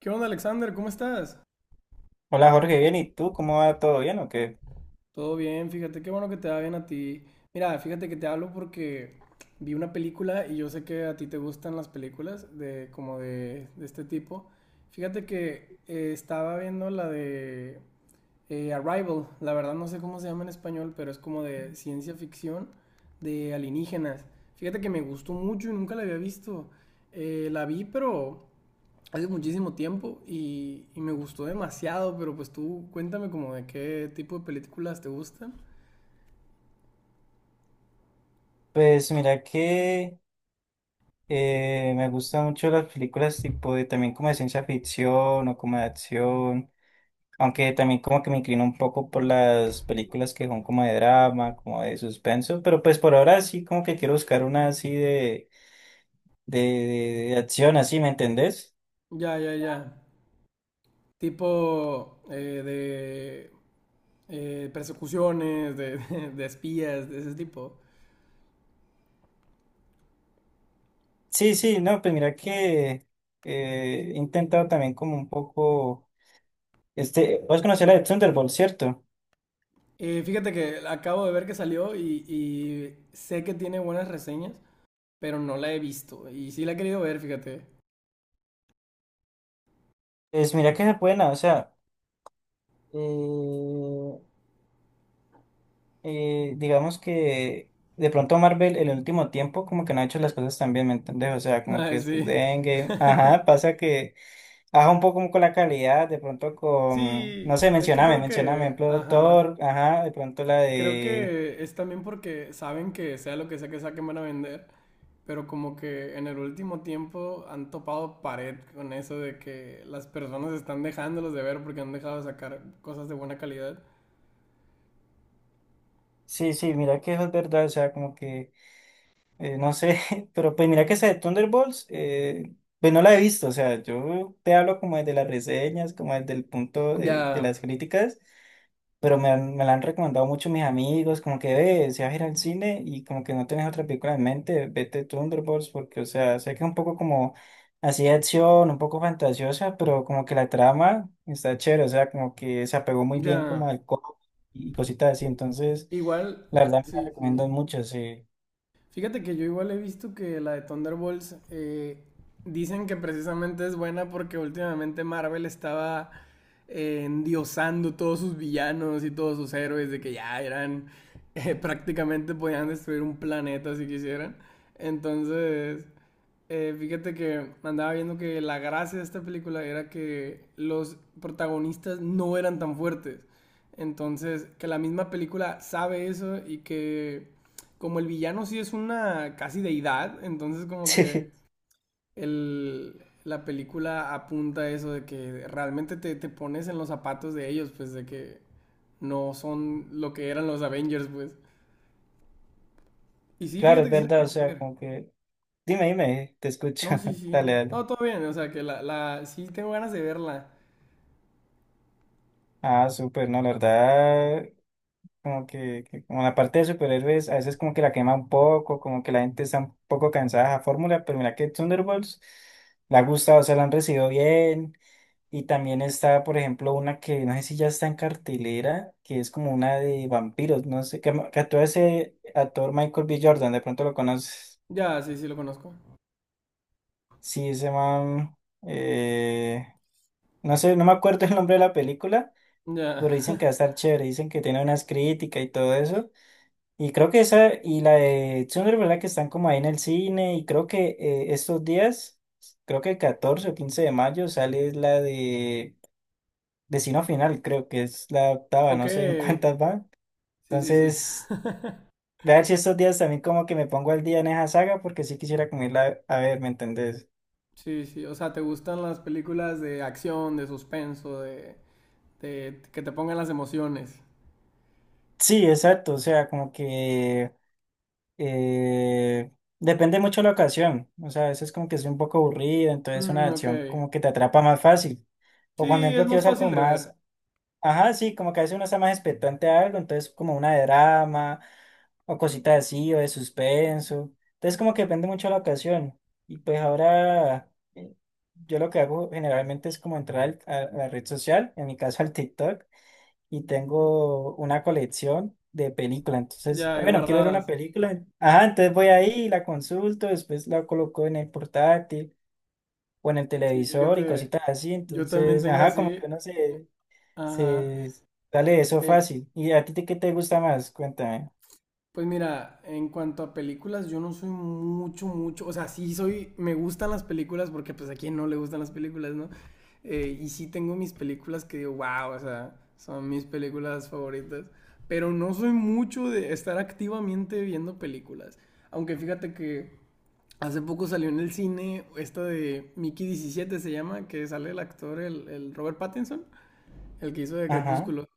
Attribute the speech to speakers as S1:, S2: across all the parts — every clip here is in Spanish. S1: ¿Qué onda, Alexander? ¿Cómo estás?
S2: Hola Jorge, bien, ¿y tú cómo va? ¿Todo bien o qué?
S1: Todo bien, fíjate, qué bueno que te va bien a ti. Mira, fíjate que te hablo porque vi una película y yo sé que a ti te gustan las películas de como de este tipo. Fíjate que estaba viendo la de Arrival, la verdad no sé cómo se llama en español, pero es como de ciencia ficción de alienígenas. Fíjate que me gustó mucho y nunca la había visto. La vi, pero hace muchísimo tiempo y me gustó demasiado, pero pues tú cuéntame como de qué tipo de películas te gustan.
S2: Pues mira que me gustan mucho las películas tipo de también como de ciencia ficción o como de acción, aunque también como que me inclino un poco por las películas que son como de drama, como de suspenso, pero pues por ahora sí como que quiero buscar una así de, de acción, así, ¿me entendés?
S1: Ya, ya, ya. Tipo de persecuciones, de, de espías, de ese tipo.
S2: Sí, sí, no, pues mira que he intentado también como un poco, este, vos conocés la de Thunderbolt, ¿cierto?
S1: Fíjate que acabo de ver que salió y sé que tiene buenas reseñas, pero no la he visto. Y sí la he querido ver, fíjate.
S2: Pues mira que es buena, o sea... Eh, digamos que de pronto Marvel en el último tiempo como que no ha hecho las cosas tan bien, ¿me entendés? O sea, como que
S1: Ay,
S2: después
S1: sí.
S2: de Endgame, ajá, pasa que baja un poco como con la calidad, de pronto con,
S1: Sí,
S2: no sé,
S1: es que
S2: mencioname,
S1: creo
S2: mencioname,
S1: que...
S2: ejemplo,
S1: Ajá.
S2: Thor, ajá, de pronto la
S1: Creo
S2: de...
S1: que es también porque saben que sea lo que sea que saquen van a vender, pero como que en el último tiempo han topado pared con eso de que las personas están dejándolos de ver porque han dejado de sacar cosas de buena calidad.
S2: Sí, sí, mira que eso es verdad, o sea, como que, no sé, pero pues mira que esa de Thunderbolts, pues no la he visto, o sea, yo te hablo como desde las reseñas, como desde el punto de
S1: Ya,
S2: las críticas. Pero me la han recomendado mucho mis amigos, como que, ve, si vas a ir al cine y como que no tienes otra película en mente, vete Thunderbolts, porque, o sea, sé que es un poco como así de acción, un poco fantasiosa, pero como que la trama está chévere, o sea, como que se apegó muy bien
S1: ya.
S2: como al cómic y cositas así, entonces,
S1: Igual,
S2: la verdad me la
S1: sí, sí.
S2: recomiendo mucho, sí.
S1: Fíjate que yo igual he visto que la de Thunderbolts dicen que precisamente es buena porque últimamente Marvel estaba endiosando todos sus villanos y todos sus héroes de que ya eran prácticamente podían destruir un planeta si quisieran. Entonces, fíjate que andaba viendo que la gracia de esta película era que los protagonistas no eran tan fuertes. Entonces, que la misma película sabe eso y que como el villano sí es una casi deidad, entonces como que
S2: Sí,
S1: la película apunta a eso de que realmente te pones en los zapatos de ellos, pues de que no son lo que eran los Avengers, pues. Y sí,
S2: claro,
S1: fíjate
S2: es
S1: que sí la
S2: verdad, o
S1: quiero
S2: sea,
S1: ver.
S2: como que, dime, dime, te escucho,
S1: No, sí, sí.
S2: dale, dale.
S1: No, todo bien, o sea que la sí tengo ganas de verla.
S2: Ah, súper, no, la verdad, como que como la parte de superhéroes a veces como que la quema un poco, como que la gente está un poco cansada de la fórmula, pero mira que Thunderbolts la ha gustado, o sea, la han recibido bien. Y también está, por ejemplo, una que no sé si ya está en cartelera, que es como una de vampiros, no sé, que actúa ese actor Michael B. Jordan, de pronto lo conoces.
S1: Ya, sí, sí lo conozco.
S2: Sí, ese man, eh, no sé, no me acuerdo el nombre de la película,
S1: Ya.
S2: pero dicen que va a estar chévere, dicen que tiene unas críticas y todo eso. Y creo que esa y la de Tsundere, ¿verdad? Que están como ahí en el cine. Y creo que estos días, creo que el 14 o 15 de mayo sale la de Destino Final, creo que es la octava,
S1: Ok.
S2: no sé en cuántas van.
S1: Sí, sí, sí.
S2: Entonces, voy a ver si estos días también como que me pongo al día en esa saga, porque sí quisiera como irla a ver, ¿me entendés?
S1: Sí, sí. O sea, ¿te gustan las películas de acción, de suspenso, de que te pongan las emociones?
S2: Sí, exacto, o sea, como que eh, depende mucho la ocasión. O sea, a veces como que soy un poco aburrido, entonces una
S1: Mm, ok.
S2: acción como que te atrapa más fácil. O cuando, por
S1: Sí, es
S2: ejemplo,
S1: más
S2: quiero ser
S1: fácil
S2: como
S1: de ver.
S2: más... Ajá, sí, como que a veces uno está más expectante a algo, entonces como una de drama o cositas así o de suspenso. Entonces como que depende mucho de la ocasión. Y pues ahora yo lo que hago generalmente es como entrar a la red social, en mi caso al TikTok, y tengo una colección de películas. Entonces,
S1: Ya, y
S2: bueno, quiero ver una
S1: guardadas.
S2: película. Ajá, entonces voy ahí, y la consulto, después la coloco en el portátil o en el
S1: Sí,
S2: televisor y
S1: fíjate,
S2: cositas así.
S1: yo también
S2: Entonces,
S1: tengo
S2: ajá,
S1: así.
S2: como que uno se...
S1: Ajá.
S2: Se... Dale, eso
S1: Eh,
S2: fácil. ¿Y a ti qué te gusta más? Cuéntame.
S1: pues mira, en cuanto a películas, yo no soy mucho, mucho, o sea, sí soy, me gustan las películas porque pues a quién no le gustan las películas, ¿no? Y sí tengo mis películas que digo, wow, o sea, son mis películas favoritas, pero no soy mucho de estar activamente viendo películas. Aunque fíjate que hace poco salió en el cine esta de Mickey 17 se llama, que sale el actor, el Robert Pattinson. El que hizo de
S2: Ajá.
S1: Crepúsculo.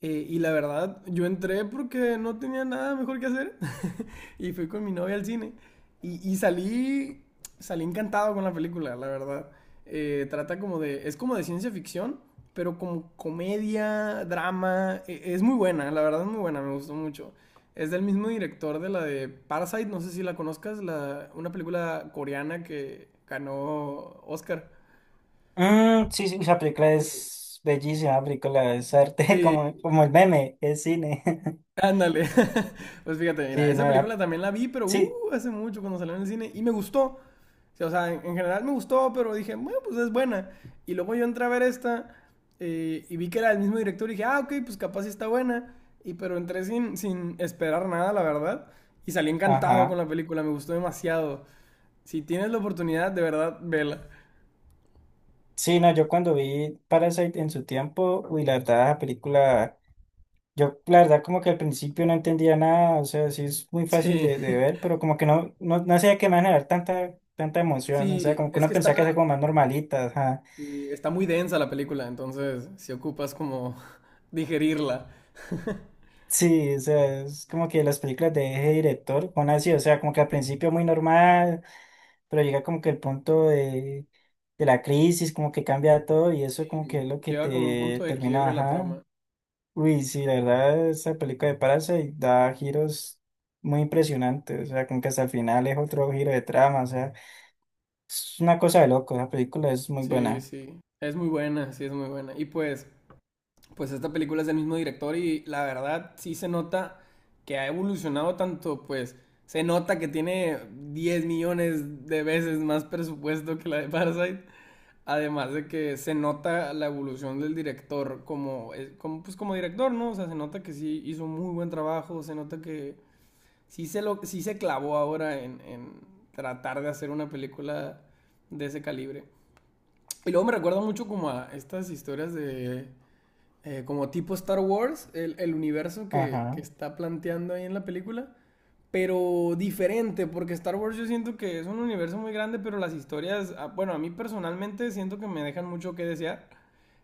S1: Y la verdad, yo entré porque no tenía nada mejor que hacer y fui con mi novia al cine. Y salí encantado con la película, la verdad. Trata como de, es como de ciencia ficción, pero como comedia, drama. Es muy buena, la verdad es muy buena, me gustó mucho. Es del mismo director de la de Parasite, no sé si la conozcas, la, una película coreana que ganó Oscar.
S2: Mm, sí, sí, esa película
S1: Sí,
S2: es bellísima, la película es arte,
S1: sí,
S2: como, como el meme, es cine.
S1: ándale. Pues fíjate, mira,
S2: Sí,
S1: esa
S2: no,
S1: película también la vi, pero
S2: sí,
S1: hace mucho cuando salió en el cine y me gustó. O sea, en general me gustó, pero dije, bueno, pues es buena. Y luego yo entré a ver esta y vi que era el mismo director y dije, ah, ok, pues capaz sí está buena. Y pero entré sin esperar nada, la verdad. Y salí encantado con
S2: ajá.
S1: la película, me gustó demasiado. Si tienes la oportunidad, de verdad, vela.
S2: Sí, no, yo cuando vi Parasite en su tiempo, uy, la verdad, la película, yo la verdad como que al principio no entendía nada, o sea, sí es muy fácil
S1: Sí,
S2: de ver, pero como que no, no, no sabía que me iba a generar tanta, tanta emoción, o sea,
S1: sí,
S2: como que
S1: es
S2: uno
S1: que
S2: pensaba que era como más normalita, ajá.
S1: sí, está muy densa la película, entonces si ocupas como digerirla.
S2: Sí, o sea, es como que las películas de ese director son así, o sea, como que al principio muy normal, pero llega como que el punto de la crisis, como que cambia todo y eso como que
S1: Sí,
S2: es lo que
S1: llega como un punto
S2: te
S1: de
S2: termina,
S1: quiebre la
S2: ajá.
S1: trama.
S2: Uy, sí, la verdad, esa película de Parasite da giros muy impresionantes, o sea, como que hasta el final es otro giro de trama, o sea, es una cosa de loco, esa película es muy
S1: Sí,
S2: buena.
S1: sí. Es muy buena, sí, es muy buena. Y pues esta película es del mismo director y la verdad sí se nota que ha evolucionado tanto, pues se nota que tiene 10 millones de veces más presupuesto que la de Parasite. Además de que se nota la evolución del director pues como director, ¿no? O sea, se nota que sí hizo un muy buen trabajo, se nota que sí se clavó ahora en tratar de hacer una película de ese calibre. Y luego me recuerda mucho como a estas historias de... como tipo Star Wars, el universo que
S2: Ajá,
S1: está planteando ahí en la película, pero diferente, porque Star Wars yo siento que es un universo muy grande, pero las historias, ah, bueno, a mí personalmente siento que me dejan mucho que desear.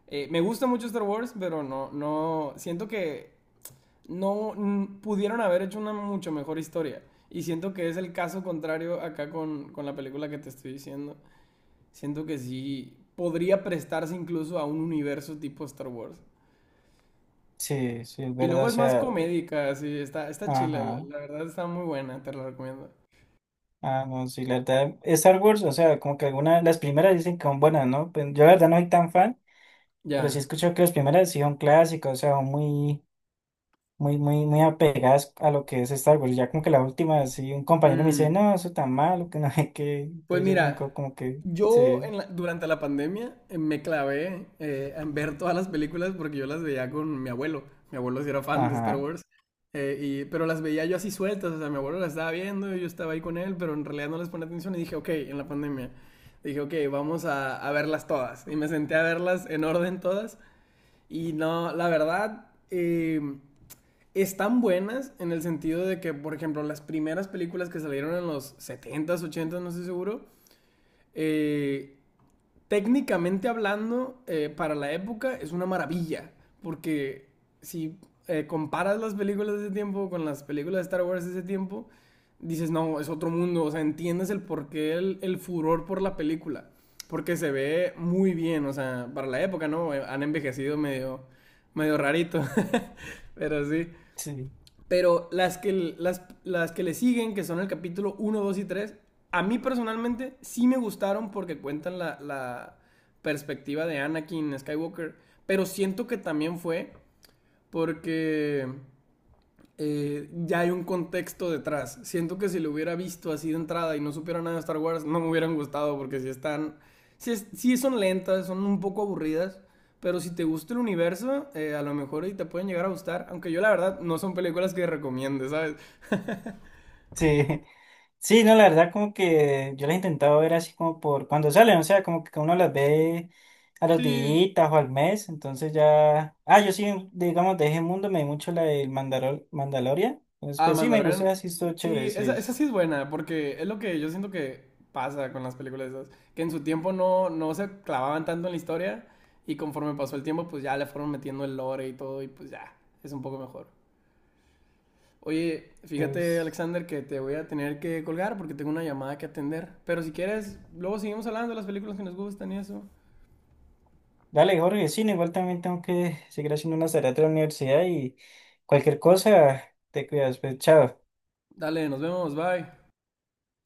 S1: Me gusta mucho Star Wars, pero no, siento que no mm, pudieron haber hecho una mucho mejor historia. Y siento que es el caso contrario acá con la película que te estoy diciendo. Siento que sí podría prestarse incluso a un universo tipo Star Wars.
S2: sí, sí, es
S1: Y
S2: verdad,
S1: luego
S2: o
S1: es más
S2: sea,
S1: comédica, sí está chila, la,
S2: ajá.
S1: la verdad está muy buena, te la recomiendo.
S2: Ah, no, sí, la verdad, Star Wars, o sea, como que algunas, las primeras dicen que son buenas, ¿no? Pues yo la verdad no soy tan fan, pero sí
S1: Ya.
S2: escucho que las primeras sí son clásicas, o sea, son muy, muy, muy, muy apegadas a lo que es Star Wars. Ya como que la última, sí, un compañero me dice,
S1: Mm,
S2: no, eso tan malo, que no hay que,
S1: Pues
S2: entonces yo me quedo
S1: mira,
S2: como que,
S1: yo
S2: sí,
S1: en la- durante la pandemia me clavé en ver todas las películas porque yo las veía con mi abuelo. Mi abuelo sí era fan de Star
S2: ajá,
S1: Wars. Pero las veía yo así sueltas, o sea, mi abuelo las estaba viendo, y yo estaba ahí con él, pero en realidad no les ponía atención y dije, ok, en la pandemia, dije, ok, vamos a verlas todas. Y me senté a verlas en orden todas. Y no, la verdad, están buenas en el sentido de que, por ejemplo, las primeras películas que salieron en los setentas, ochentas, no estoy seguro, eh, técnicamente hablando, para la época es una maravilla, porque si comparas las películas de ese tiempo con las películas de Star Wars de ese tiempo, dices, no, es otro mundo, o sea, entiendes el porqué, el furor por la película, porque se ve muy bien, o sea, para la época, ¿no? Han envejecido medio, medio rarito, pero sí.
S2: sí.
S1: Pero las que le siguen, que son el capítulo uno 2 y 3 a mí personalmente sí me gustaron porque cuentan la, la perspectiva de Anakin Skywalker. Pero siento que también fue porque ya hay un contexto detrás. Siento que si lo hubiera visto así de entrada y no supiera nada de Star Wars, no me hubieran gustado porque si están, si, es- si son lentas, son un poco aburridas, pero si te gusta el universo, a lo mejor y te pueden llegar a gustar, aunque yo la verdad no son películas que recomiende, ¿sabes?
S2: Sí, sí, no, la verdad como que yo las he intentado ver así como por cuando salen, o sea, como que uno las ve a los
S1: Sí,
S2: días o al mes, entonces ya... Ah, yo sí, digamos, de ese mundo me vi mucho la del mandaloria, entonces
S1: ah,
S2: pues sí, me gustó,
S1: Mandalorian.
S2: así estuvo
S1: Sí,
S2: chévere,
S1: esa,
S2: sí.
S1: esa sí es buena, porque es lo que yo siento que pasa con las películas esas, que en su tiempo no se clavaban tanto en la historia y conforme pasó el tiempo, pues ya le fueron metiendo el lore y todo y pues ya, es un poco mejor. Oye, fíjate,
S2: Entonces,
S1: Alexander, que te voy a tener que colgar porque tengo una llamada que atender, pero si quieres, luego seguimos hablando de las películas que nos gustan y eso.
S2: dale, Jorge, sí, no, igual también tengo que seguir haciendo unas tareas de la universidad y cualquier cosa, te cuidas, pues chao.
S1: Dale, nos vemos, bye.